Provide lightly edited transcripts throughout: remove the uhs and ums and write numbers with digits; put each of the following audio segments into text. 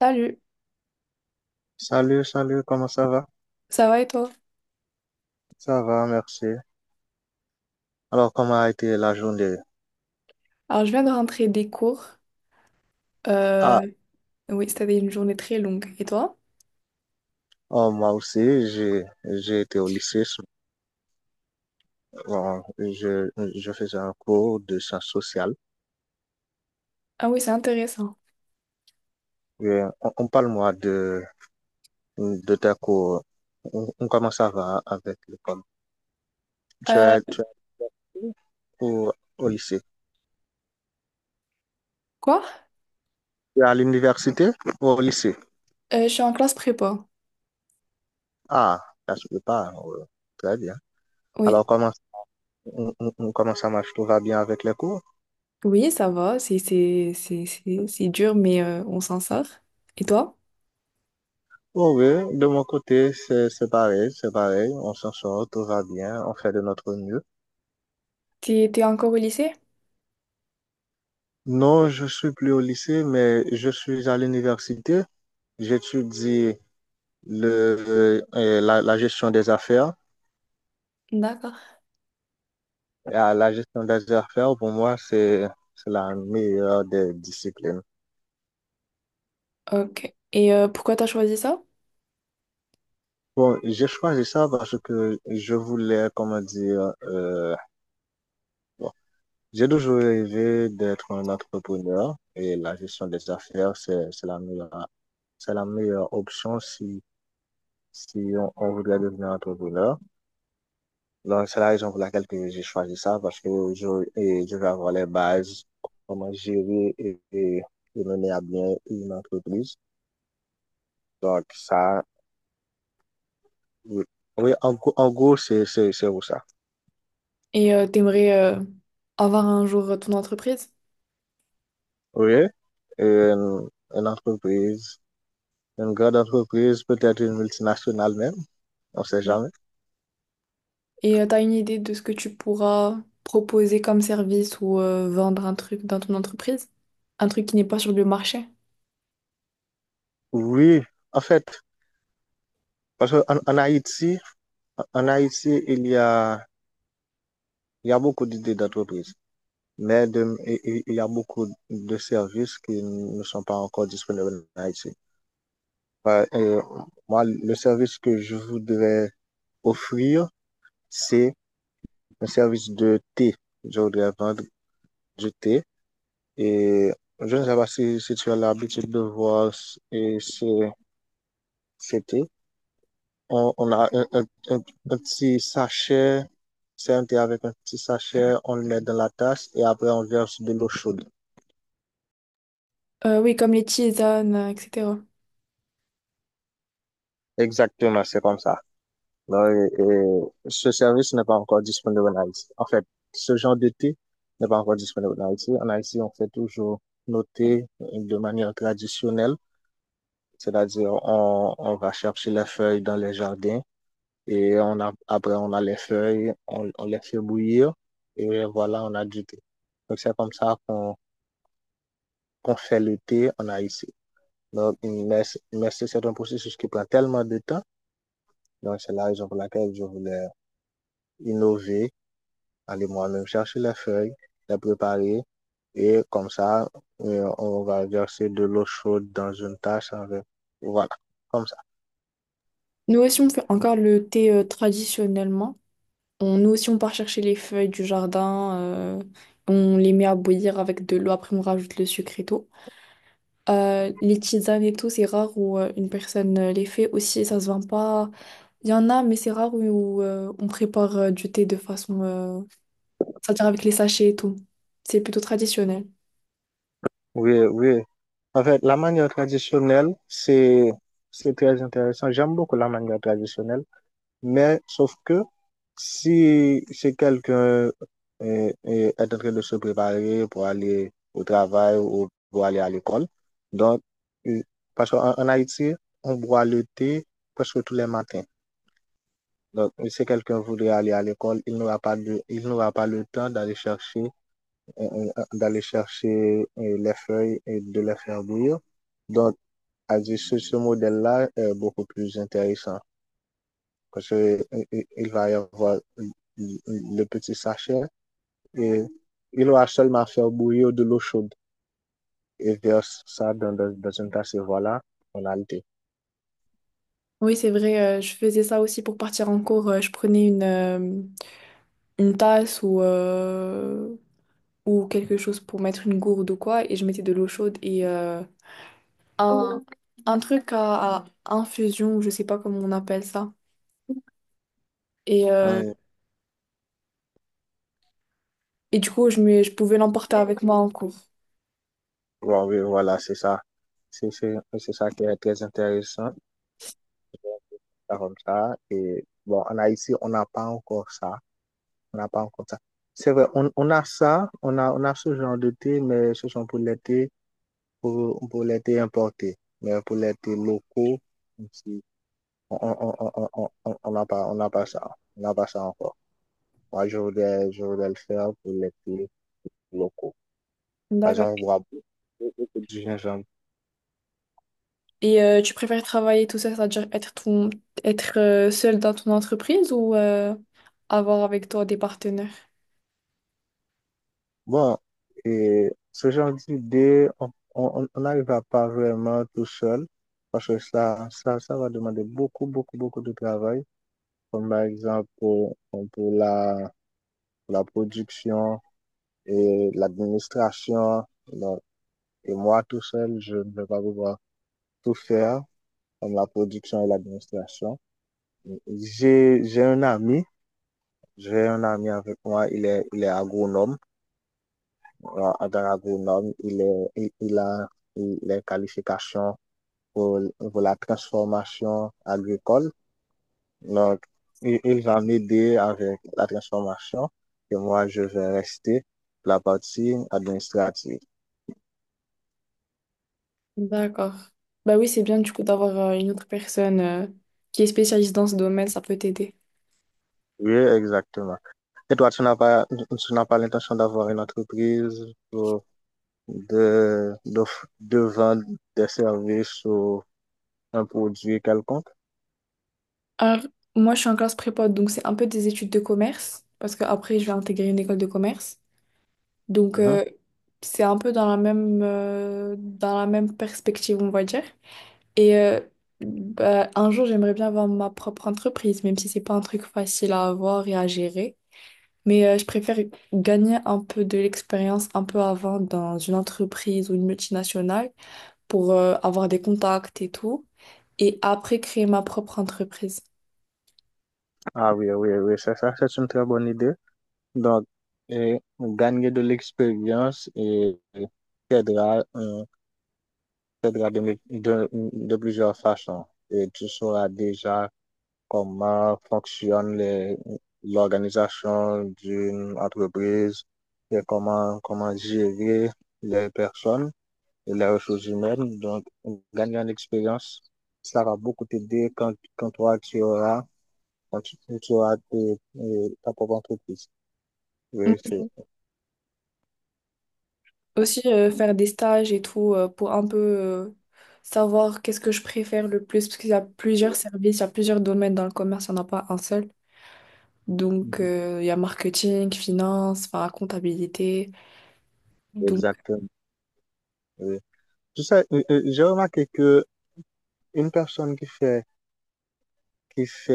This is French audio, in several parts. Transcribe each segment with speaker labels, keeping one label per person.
Speaker 1: Salut,
Speaker 2: Salut, salut, comment ça va?
Speaker 1: ça va et toi?
Speaker 2: Ça va, merci. Alors, comment a été la journée?
Speaker 1: Alors, je viens de rentrer des cours.
Speaker 2: Ah,
Speaker 1: Euh, oui, c'était une journée très longue. Et toi?
Speaker 2: oh, moi aussi, j'ai été au lycée. Bon, je faisais un cours de sciences sociales.
Speaker 1: Ah oui, c'est intéressant.
Speaker 2: Et on parle-moi de ta cours. Comment ça va avec l'école?
Speaker 1: Euh,
Speaker 2: Tu es au, au lycée?
Speaker 1: quoi?
Speaker 2: Tu es à l'université ou au lycée?
Speaker 1: Je suis en classe prépa.
Speaker 2: Ah, ça se peut pas. Ouais. Très bien.
Speaker 1: Oui,
Speaker 2: Alors, comment, on- Comment ça marche? Tout va bien avec les cours?
Speaker 1: oui, ça va. C'est c'est dur, mais on s'en sort. Et toi?
Speaker 2: Oh oui, de mon côté, c'est pareil, c'est pareil. On s'en sort, tout va bien, on fait de notre mieux.
Speaker 1: T'es encore au lycée?
Speaker 2: Non, je suis plus au lycée, mais je suis à l'université. J'étudie la gestion des affaires.
Speaker 1: D'accord.
Speaker 2: Et à la gestion des affaires, pour moi, c'est la meilleure des disciplines.
Speaker 1: Ok. Et pourquoi t'as choisi ça?
Speaker 2: Bon, j'ai choisi ça parce que je voulais, comment dire, bon, j'ai toujours rêvé d'être un entrepreneur et la gestion des affaires, c'est la meilleure, c'est la meilleure option si, si on voudrait devenir entrepreneur. Donc, c'est la raison pour laquelle que j'ai choisi ça, parce que je, et je vais avoir les bases, comment gérer et mener à bien une entreprise. Donc, ça, oui, oui, en gros, c'est où ça.
Speaker 1: Et t'aimerais avoir un jour ton entreprise?
Speaker 2: Oui, une, une entreprise, une grande entreprise, peut-être une multinationale même, on ne sait jamais.
Speaker 1: Et t'as une idée de ce que tu pourras proposer comme service ou vendre un truc dans ton entreprise? Un truc qui n'est pas sur le marché?
Speaker 2: Oui, en fait, parce qu'en en Haïti, il y a beaucoup d'idées d'entreprises. Y a beaucoup de services qui ne sont pas encore disponibles en Haïti. Euh, euh, Moi, le service que je voudrais offrir, c'est un service de thé. Je voudrais vendre du thé et je ne sais pas si, si tu as l'habitude de voir ces thés. On a un petit sachet, c'est un thé avec un petit sachet, on le met dans la tasse et après on verse de l'eau chaude.
Speaker 1: Oui, comme les tisanes, etc.
Speaker 2: Exactement, c'est comme ça. Là, et ce service n'est pas encore disponible en Haïti. En fait, ce genre de thé n'est pas encore disponible en Haïti. En Haïti, on fait toujours nos thés de manière traditionnelle, c'est-à-dire on va chercher les feuilles dans les jardins et on a, après on a les feuilles, on les fait bouillir et voilà, on a du thé. Donc c'est comme ça qu'on fait le thé en Haïti. Donc, mais, mais c'est un processus qui prend tellement de temps. Donc c'est la raison pour laquelle je voulais innover, aller moi-même chercher les feuilles, les préparer et comme ça, on va verser de l'eau chaude dans une tasse avec. Voilà, comme ça.
Speaker 1: Nous aussi, on fait encore le thé traditionnellement. Nous aussi, on part chercher les feuilles du jardin. On les met à bouillir avec de l'eau. Après, on rajoute le sucre et tout. Les tisanes et tout, c'est rare où une personne les fait aussi. Ça se vend pas. Il y en a, mais c'est rare où, on prépare du thé de façon c'est-à-dire avec les sachets et tout. C'est plutôt traditionnel.
Speaker 2: Oui, oui. En fait, la manière traditionnelle, c'est très intéressant. J'aime beaucoup la manière traditionnelle, mais sauf que si, si quelqu'un euh, est en train de se préparer pour aller au travail ou pour aller à l'école, donc, euh, parce qu'en en Haïti, on boit le thé presque tous les matins. Donc, si quelqu'un voudrait aller à l'école, il n'aura pas le temps d'aller chercher les feuilles et de les faire bouillir. Donc, à dire ce modèle-là est beaucoup plus intéressant parce que il va y avoir le petit sachet et il aura seulement à faire bouillir de l'eau chaude et verse ça dans une tasse et voilà, on a le thé.
Speaker 1: Oui, c'est vrai, je faisais ça aussi pour partir en cours. Je prenais une tasse ou quelque chose pour mettre une gourde ou quoi, et je mettais de l'eau chaude et un, un truc à infusion, ou je sais pas comment on appelle ça. Et, euh,
Speaker 2: Hum,
Speaker 1: et du coup, je pouvais l'emporter avec moi en cours.
Speaker 2: ouais, ouais, voilà, c'est ça. C'est ça qui est très intéressant. Ça comme ça. Et bon, en Haïti, on n'a pas encore ça. On n'a pas encore ça. C'est vrai, on a ça, on a ce genre de thé, mais ce sont pour les thés, pour les thés importés. Mais pour les thés locaux, ici, on n'a pas ça. On n'a pas ça encore. Moi, je voudrais le faire pour les thés locaux. Par
Speaker 1: D'accord.
Speaker 2: exemple, on voit beaucoup de gingembre.
Speaker 1: Et tu préfères travailler tout seul, c'est-à-dire être seul dans ton entreprise ou avoir avec toi des partenaires?
Speaker 2: Bon, et ce genre d'idée, on n'arrivera pas vraiment tout seul parce que ça va demander beaucoup, beaucoup, beaucoup de travail, comme par exemple pour la, pour la production et l'administration. Donc, et moi, tout seul, je ne vais pas pouvoir tout faire, comme la production et l'administration. J'ai, j'ai un ami, j'ai un ami avec moi, il est agronome. Voilà, en tant il a les qualifications pour, pour la transformation agricole. Donc, il va m'aider avec la transformation et moi, je vais rester la partie administrative.
Speaker 1: D'accord. Bah oui, c'est bien du coup d'avoir une autre personne qui est spécialiste dans ce domaine, ça peut t'aider.
Speaker 2: Oui, exactement. Et toi, tu n'as pas l'intention d'avoir une entreprise pour- de, de, de vendre des services ou un produit quelconque?
Speaker 1: Alors, moi je suis en classe prépa, donc c'est un peu des études de commerce, parce que après je vais intégrer une école de commerce. Donc
Speaker 2: Mhm.
Speaker 1: c'est un peu dans la même perspective, on va dire. Et bah, un jour j'aimerais bien avoir ma propre entreprise, même si c'est pas un truc facile à avoir et à gérer. Mais je préfère gagner un peu de l'expérience un peu avant dans une entreprise ou une multinationale pour avoir des contacts et tout, et après créer ma propre entreprise.
Speaker 2: Ah oui, oui, oui, c'est ça, c'est une très bonne idée. Donc, gagner de l'expérience et t'aidera, euh, t'aidera de plusieurs façons. Et tu sauras déjà comment fonctionne l'organisation d'une entreprise et comment gérer les personnes et les ressources humaines. Donc, gagner en expérience, ça va beaucoup t'aider quand toi, quand tu auras ta propre entreprise. Oui,
Speaker 1: Oui.
Speaker 2: c'est.
Speaker 1: Aussi faire des stages et tout pour un peu savoir qu'est-ce que je préfère le plus, parce qu'il y a plusieurs services, il y a plusieurs domaines dans le commerce, il n'y en a pas un seul. Donc
Speaker 2: Mhm.
Speaker 1: il y a marketing, finance, enfin comptabilité. Donc
Speaker 2: Exactement. Oui. Tu sais, j'ai remarqué que une personne qui fait,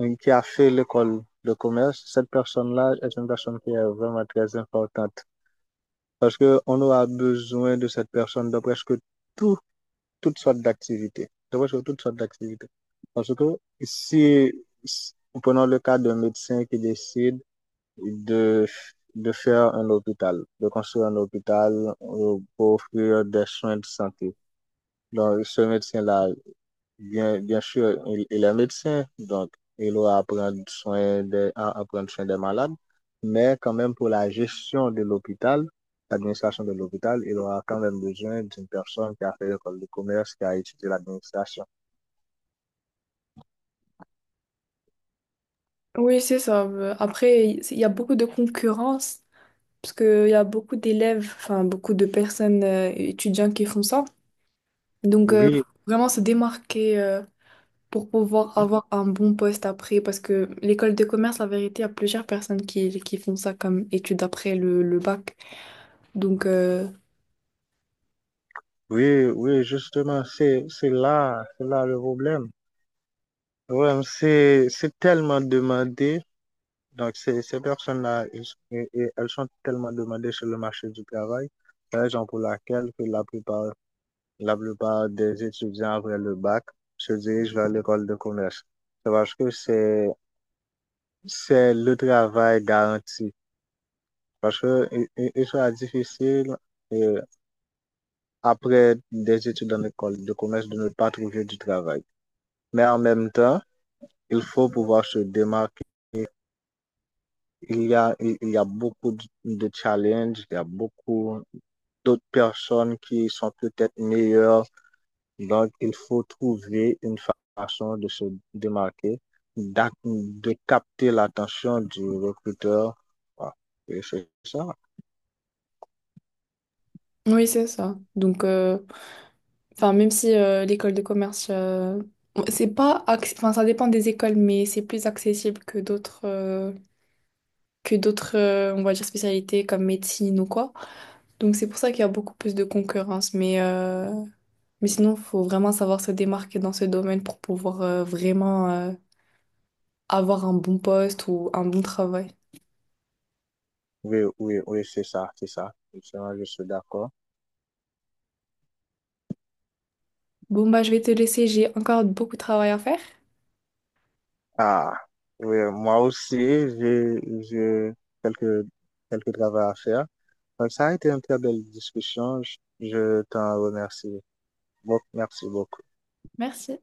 Speaker 2: euh, qui a fait l'école de commerce, cette personne-là est une personne qui est vraiment très importante parce que on aura besoin de cette personne dans presque tout, toutes sortes d'activités, dans presque toutes sortes d'activités. Parce que si, si- prenons le cas d'un médecin qui décide de, de faire un hôpital, de construire un hôpital pour offrir des soins de santé. Donc, ce médecin-là, bien, bien sûr, il est médecin, donc il doit prendre soin à prendre soin des malades, mais quand même pour la gestion de l'hôpital, l'administration de l'hôpital, il aura quand même besoin d'une personne qui a fait l'école de commerce, qui a étudié l'administration.
Speaker 1: oui, c'est ça. Après, il y a beaucoup de concurrence. Parce qu'il y a beaucoup d'élèves, enfin beaucoup de personnes étudiants qui font ça. Donc,
Speaker 2: Oui,
Speaker 1: faut vraiment se démarquer pour pouvoir avoir un bon poste après. Parce que l'école de commerce, la vérité, il y a plusieurs personnes qui font ça comme études après le bac. Donc,
Speaker 2: oui, oui, justement, c'est là le problème. Le problème, c'est tellement demandé. Donc, ces personnes-là, et elles sont tellement demandées sur le marché du travail, raison pour laquelle que la plupart des étudiants après le bac se dirigent vers l'école de commerce. C'est parce que c'est le travail garanti. Parce que il sera difficile, euh, après des études en école de commerce de ne pas trouver du travail. Mais en même temps, il faut pouvoir se démarquer. Il y a beaucoup de challenges, il y a beaucoup d'autres personnes qui sont peut-être meilleures. Donc, il faut trouver une façon de se démarquer, de capter l'attention du recruteur. Voilà. Oui, c'est ça.
Speaker 1: oui, c'est ça. Donc, enfin, même si l'école de commerce, c'est pas, acc- enfin, ça dépend des écoles, mais c'est plus accessible que d'autres, on va dire, spécialités comme médecine ou quoi. Donc c'est pour ça qu'il y a beaucoup plus de concurrence. Mais sinon, il faut vraiment savoir se démarquer dans ce domaine pour pouvoir vraiment avoir un bon poste ou un bon travail.
Speaker 2: Oui, oui, oui, c'est ça, c'est ça. Justement je suis d'accord.
Speaker 1: Bon, bah, je vais te laisser, j'ai encore beaucoup de travail à faire.
Speaker 2: Ah, oui, moi aussi, j'ai quelques, quelques travaux à faire. Donc, ça a été une très belle discussion. Je t'en remercie. Bon, merci beaucoup.
Speaker 1: Merci.